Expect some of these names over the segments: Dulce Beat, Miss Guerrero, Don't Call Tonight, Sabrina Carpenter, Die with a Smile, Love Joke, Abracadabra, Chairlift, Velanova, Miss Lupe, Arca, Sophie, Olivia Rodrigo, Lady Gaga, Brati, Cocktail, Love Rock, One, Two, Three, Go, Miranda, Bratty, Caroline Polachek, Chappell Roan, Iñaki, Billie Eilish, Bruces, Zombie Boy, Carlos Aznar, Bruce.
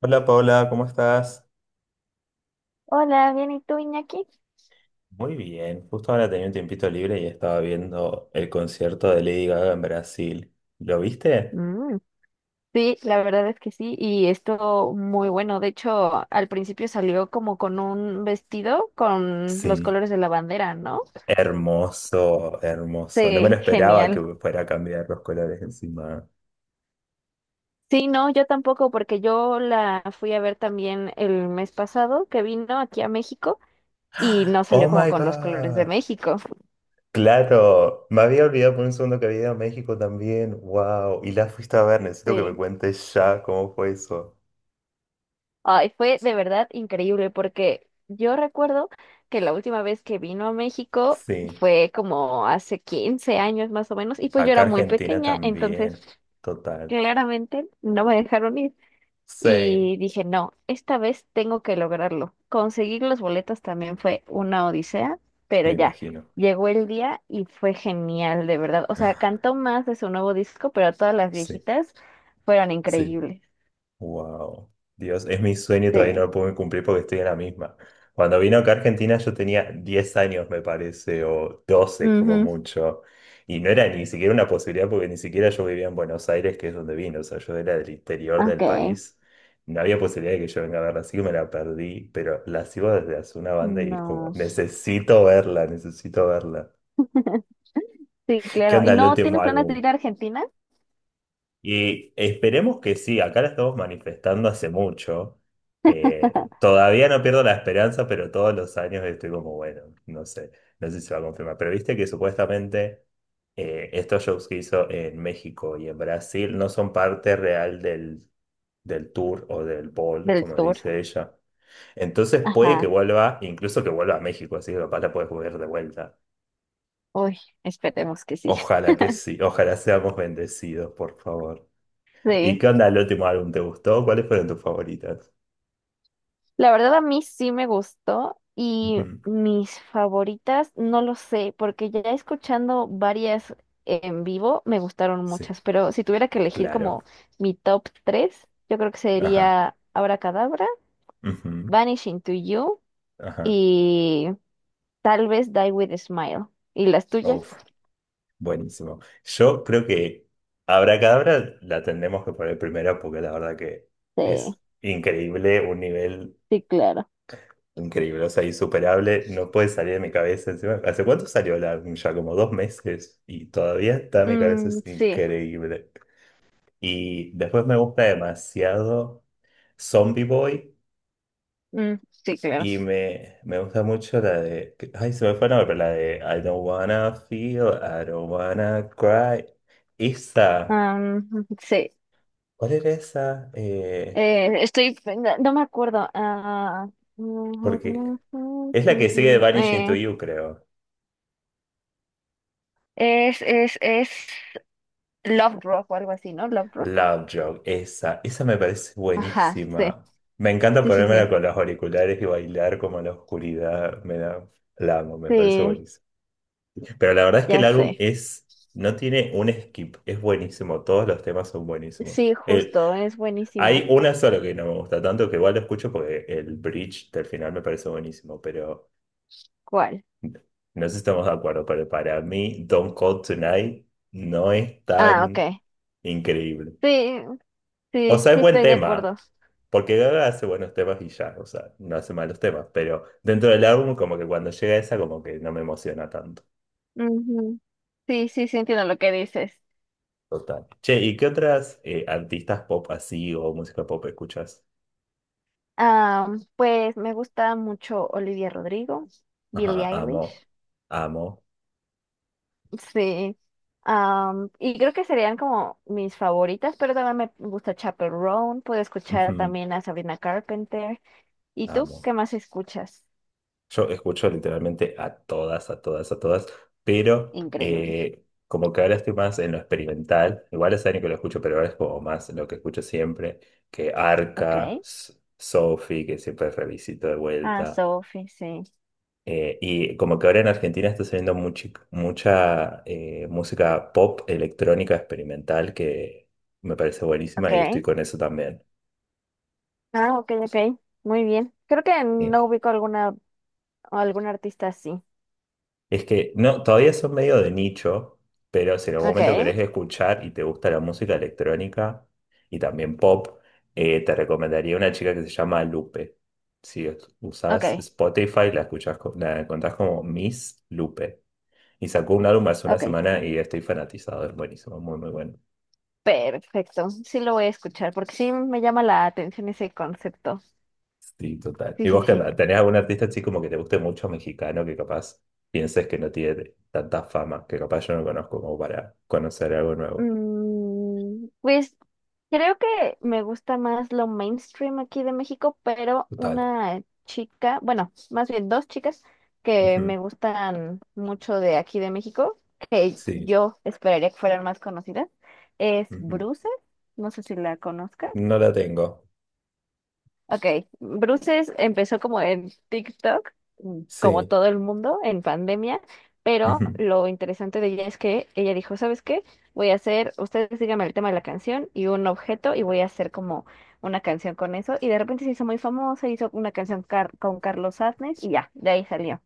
Hola Paola, ¿cómo estás? Hola, bien, ¿y tú, Iñaki? Muy bien, justo ahora tenía un tiempito libre y estaba viendo el concierto de Lady Gaga en Brasil. ¿Lo viste? Mm, sí, la verdad es que sí, y esto muy bueno. De hecho, al principio salió como con un vestido con los Sí. colores de la bandera, ¿no? Hermoso, hermoso. No me lo Sí, esperaba que genial. fuera a cambiar los colores encima. Sí, no, yo tampoco, porque yo la fui a ver también el mes pasado que vino aquí a México y no salió Oh como my con los colores de God. México. Claro, me había olvidado por un segundo que había ido a México también. Wow. Y la fuiste a ver, necesito que me Sí. cuentes ya cómo fue eso. Ay, fue de verdad increíble porque yo recuerdo que la última vez que vino a México Sí, fue como hace 15 años más o menos y pues yo acá era muy Argentina pequeña, entonces también. Total. claramente no me dejaron ir Sí, y dije, no, esta vez tengo que lograrlo. Conseguir los boletos también fue una odisea, pero me ya, imagino. llegó el día y fue genial, de verdad. O sea, cantó más de su nuevo disco, pero todas las Sí. viejitas fueron Sí. increíbles. Wow, Dios, es mi sueño y todavía no Sí. lo puedo cumplir porque estoy en la misma. Cuando vino acá a Argentina yo tenía 10 años, me parece, o 12 como Ujú. mucho. Y no era ni siquiera una posibilidad porque ni siquiera yo vivía en Buenos Aires, que es donde vino. O sea, yo era del interior del Ok. país. No había posibilidad de que yo venga a verla, así que me la perdí. Pero la sigo desde hace una banda y es como, No. necesito verla, necesito verla. Sí, ¿Qué claro. ¿Y onda el no tiene último planes de álbum? ir a Argentina? Y esperemos que sí, acá la estamos manifestando hace mucho. Todavía no pierdo la esperanza, pero todos los años estoy como, bueno, no sé, no sé si se va a confirmar. Pero viste que supuestamente estos shows que hizo en México y en Brasil no son parte real del tour o del ball, Del como tour. dice ella. Entonces puede que Ajá. vuelva, incluso que vuelva a México, así que capaz la puedes volver de vuelta. Uy, esperemos que sí. Ojalá que sí, ojalá seamos bendecidos, por favor. ¿Y Sí. qué onda el último álbum? ¿Te gustó? ¿Cuáles fueron tus favoritas? La verdad a mí sí me gustó y Ujú, mis favoritas no lo sé, porque ya escuchando varias en vivo me gustaron sí, muchas, pero si tuviera que elegir claro. como mi top 3 yo creo que Ajá. sería Abracadabra, Ujú. Vanishing to You Ajá. y tal vez Die with a Smile. ¿Y las tuyas? Uf, buenísimo. Yo creo que Abracadabra la tendremos que poner primero porque la verdad que Sí, es increíble, un nivel sí, claro. increíble, o sea, insuperable. No puede salir de mi cabeza encima. ¿Hace cuánto salió el álbum? Ya como 2 meses y todavía está en mi cabeza, Mm, es sí. increíble. Y después me gusta demasiado Zombie Boy. Mm, sí, claro. Y me gusta mucho Ay, se me fue el nombre, pero la de I don't wanna feel, I don't wanna cry. Esa. Am, sí. ¿Cuál era esa? Estoy, no, no me acuerdo. Ah, Porque es la que sigue de Vanishing to eh, You, creo. es Love Rock o algo así, ¿no? Love Rock. Love Joke, esa. Esa me parece Ajá, sí. buenísima. Me encanta Sí, sí, ponérmela sí. con los auriculares y bailar como en la oscuridad. Me da. La amo, me parece Sí, buenísimo. Pero la verdad es que ya el álbum sé. es. No tiene un skip, es buenísimo. Todos los temas son buenísimos. Sí, justo, es Hay buenísimo. una sola que no me gusta tanto, que igual lo escucho porque el bridge del final me parece buenísimo, pero ¿Cuál? no sé si estamos de acuerdo, pero para mí Don't Call Tonight no es Ah, ok. tan increíble. Sí, O sí, sea, sí es buen estoy de acuerdo. tema, porque Gaga hace buenos temas y ya, o sea, no hace malos temas, pero dentro del álbum como que cuando llega esa como que no me emociona tanto. Ujú. Sí, sí, sí entiendo lo que dices. Total. Che, ¿y qué otras artistas pop así o música pop escuchas? Ah, pues me gusta mucho Olivia Rodrigo, Ajá, Billie Eilish. amo, amo, Sí. Am, y creo que serían como mis favoritas, pero también me gusta Chappell Roan, puedo escuchar ujú, también a Sabrina Carpenter. ¿Y tú amo. qué más escuchas? Yo escucho literalmente a todas, a todas, a todas, pero Increíble. Como que ahora estoy más en lo experimental, igual hace años que lo escucho, pero ahora es como más lo que escucho siempre, que Arca, Okay. Sophie, que siempre revisito de Ah, vuelta, Sophie, sí. Y como que ahora en Argentina está saliendo mucha música pop electrónica experimental que me parece buenísima y estoy Okay. con eso también. Ah, ok, ok. Muy bien. Creo que no Eh, ubico alguna algún artista así. Es que no, todavía son medio de nicho, pero si en algún momento Okay, querés escuchar y te gusta la música electrónica y también pop, te recomendaría una chica que se llama Lupe. Si usás okay, Spotify, la escuchás, la encontrás como Miss Lupe. Y sacó un álbum hace una okay. semana y estoy fanatizado, es buenísimo, muy, muy bueno. Perfecto. Sí lo voy a escuchar porque sí me llama la atención ese concepto. Sí, total. Sí, ¿Y sí, vos qué sí. onda? ¿Tenés algún artista así como que te guste mucho mexicano que capaz pienses que no tiene tanta fama, que capaz yo no conozco como para conocer algo nuevo? Pues creo que me gusta más lo mainstream aquí de México, pero Total. una chica, bueno, más bien dos chicas que me gustan mucho de aquí de México, que Sí. yo esperaría que fueran más conocidas, es Ujú. Bruce, no sé si la conozcas. No la tengo. Ok, Bruces empezó como en TikTok, como Sí. todo el mundo, en pandemia, pero Ujú. lo interesante de ella es que ella dijo, ¿sabes qué? Voy a hacer, ustedes díganme el tema de la canción y un objeto y voy a hacer como una canción con eso. Y de repente se hizo muy famosa, hizo una canción con Carlos Aznar y ya, de ahí salió.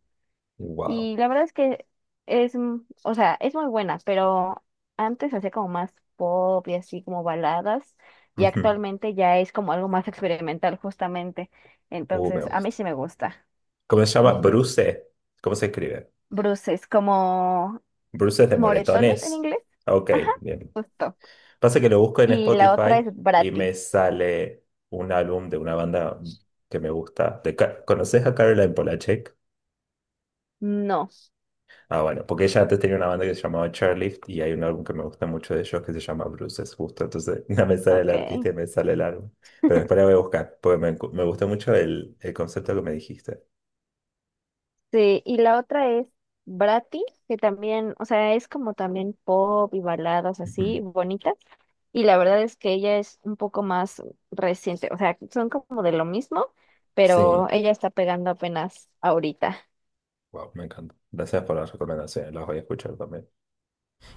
Wow. Y la verdad es que es, o sea, es muy buena, pero antes hacía como más pop y así como baladas, y Ujú. actualmente ya es como algo más experimental justamente. Me Entonces, a mí gusta. sí me gusta. ¿Cómo se llama? Ujú. Bruce. ¿Cómo se escribe? Bruces, como Bruce de moretones en moretones. inglés. Ok, Ajá, bien. justo. Pasa que lo busco en Y la otra Spotify es y Bratty. me sale un álbum de una banda que me gusta. De ¿Conoces a Caroline Polachek? No, Ah, bueno, porque ella antes tenía una banda que se llamaba Chairlift y hay un álbum que me gusta mucho de ellos que se llama Bruces, justo. Entonces, no me sale el artista ok. y me sale el álbum. Pero después la voy a buscar, porque me gustó mucho el concepto que me dijiste. Sí, y la otra es Brati, que también, o sea, es como también pop y baladas Ujú. así, bonitas. Y la verdad es que ella es un poco más reciente, o sea, son como de lo mismo, pero Sí, ella está pegando apenas ahorita. wow, me encanta. Gracias por las recomendaciones, las voy a escuchar también.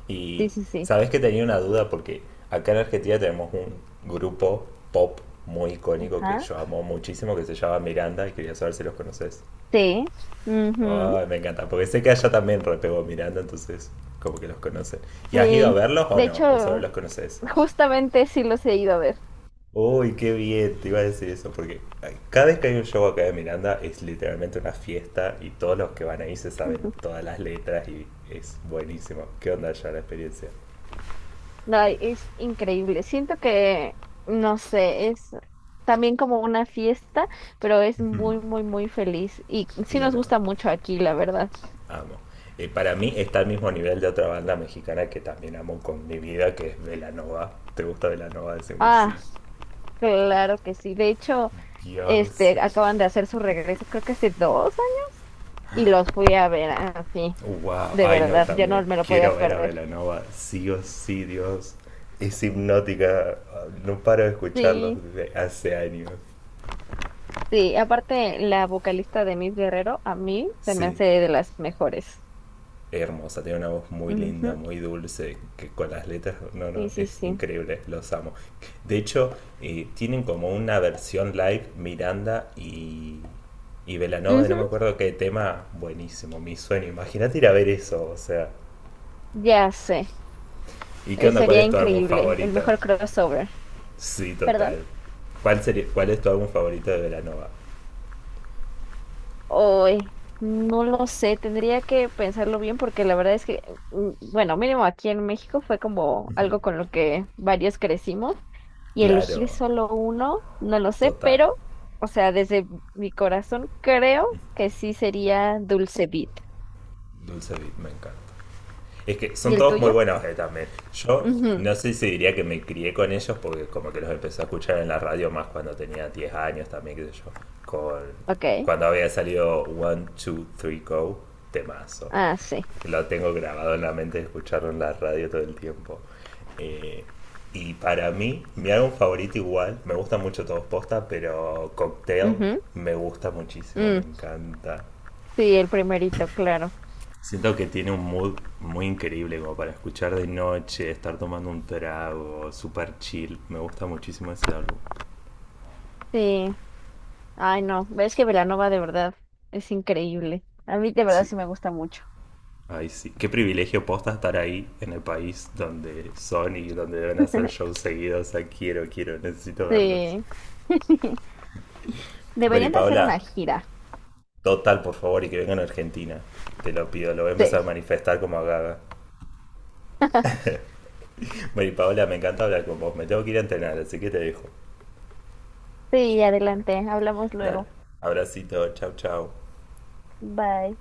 Y Sí, sí, sí. sabes que tenía una duda porque acá en Argentina tenemos un grupo pop muy icónico que Ajá. yo amo muchísimo que se llama Miranda y quería saber si los conoces. Sí. Ujú, Ay, me encanta, porque sé que allá también repegó Miranda, entonces como que los conocen. ¿Y has ido a sí. verlos o De no? ¿O solo hecho, los conoces? justamente sí los he ido a ver. Uy, qué bien, te iba a decir eso, porque ay, cada vez que hay un show acá de Miranda es literalmente una fiesta y todos los que van ahí se saben todas las letras y es buenísimo. ¿Qué onda ya la experiencia? Ay, es increíble. Siento que, no sé, es también como una fiesta, pero es Mm, muy, muy, muy feliz. Y sí nos claro, gusta mucho aquí, la verdad. amo. Para mí está al mismo nivel de otra banda mexicana que también amo con mi vida, que es Velanova. ¿Te gusta Velanova? Dicen que sí. Ah, claro que sí. De hecho, Dios, este, acaban de hacer su regreso, creo que hace 2 años, y los fui a ver así, wow, de ay no, verdad, ya también. no me lo podía Quiero ver a perder. Belanova, sí o sí, Dios. Es hipnótica, no paro de escucharlos Sí, desde hace años. sí. Aparte, la vocalista de Miss Guerrero, a mí se me Sí, hace de las mejores. es hermosa, tiene una voz muy linda, Ujú, muy dulce, que con las letras, no, no, sí, sí, es sí. increíble, los amo. De hecho, tienen como una versión live Miranda y Belanova de no Ujú, me acuerdo qué tema, buenísimo, mi sueño. Imagínate ir a ver eso, o sea. ya sé. ¿Y qué onda? ¿Cuál Sería es tu álbum increíble, el favorito? mejor crossover, Sí, ¿perdón? total. ¿Cuál es tu álbum favorito de Velanova? Hoy, no lo sé, tendría que pensarlo bien porque la verdad es que, bueno, mínimo aquí en México fue como algo con lo que varios crecimos y elegir Claro, solo uno, no lo sé, total. pero, o sea, desde mi corazón creo que sí sería Dulce Beat. Dulce Beat, me encanta. Es que ¿Y son el todos muy tuyo? buenos también. Yo Ujú, no sé si diría que me crié con ellos porque como que los empecé a escuchar en la radio más cuando tenía 10 años también, qué sé yo. Con, ok, cuando había salido One, Two, Three, Go, temazo. ah, sí. Lo tengo grabado en la mente, escucharlo en la radio todo el tiempo. Eh, y para mí, mi álbum favorito igual, me gustan mucho todos posta, pero Cocktail Ujú, me gusta muchísimo, mm, me encanta. sí, el primerito, claro. Siento que tiene un mood muy increíble como para escuchar de noche, estar tomando un trago, super chill. Me gusta muchísimo ese álbum. Sí. Ay, no, ves que Velanova de verdad es increíble. A mí de verdad Sí. sí me gusta mucho. Ay, sí. Qué privilegio posta estar ahí en el país donde son y donde deben hacer shows seguidos. O sea, quiero, quiero, necesito verlos. Sí. Bueno, y Deberían de hacer Paola, una gira. total, por favor, y que vengan a Argentina. Te lo pido, lo voy a empezar a Sí. manifestar como a Gaga. Bueno, y Paola, me encanta hablar con vos. Me tengo que ir a entrenar, así que te dejo. Sí, adelante. Hablamos Dale. luego. Abracito, chau, chau. Bye.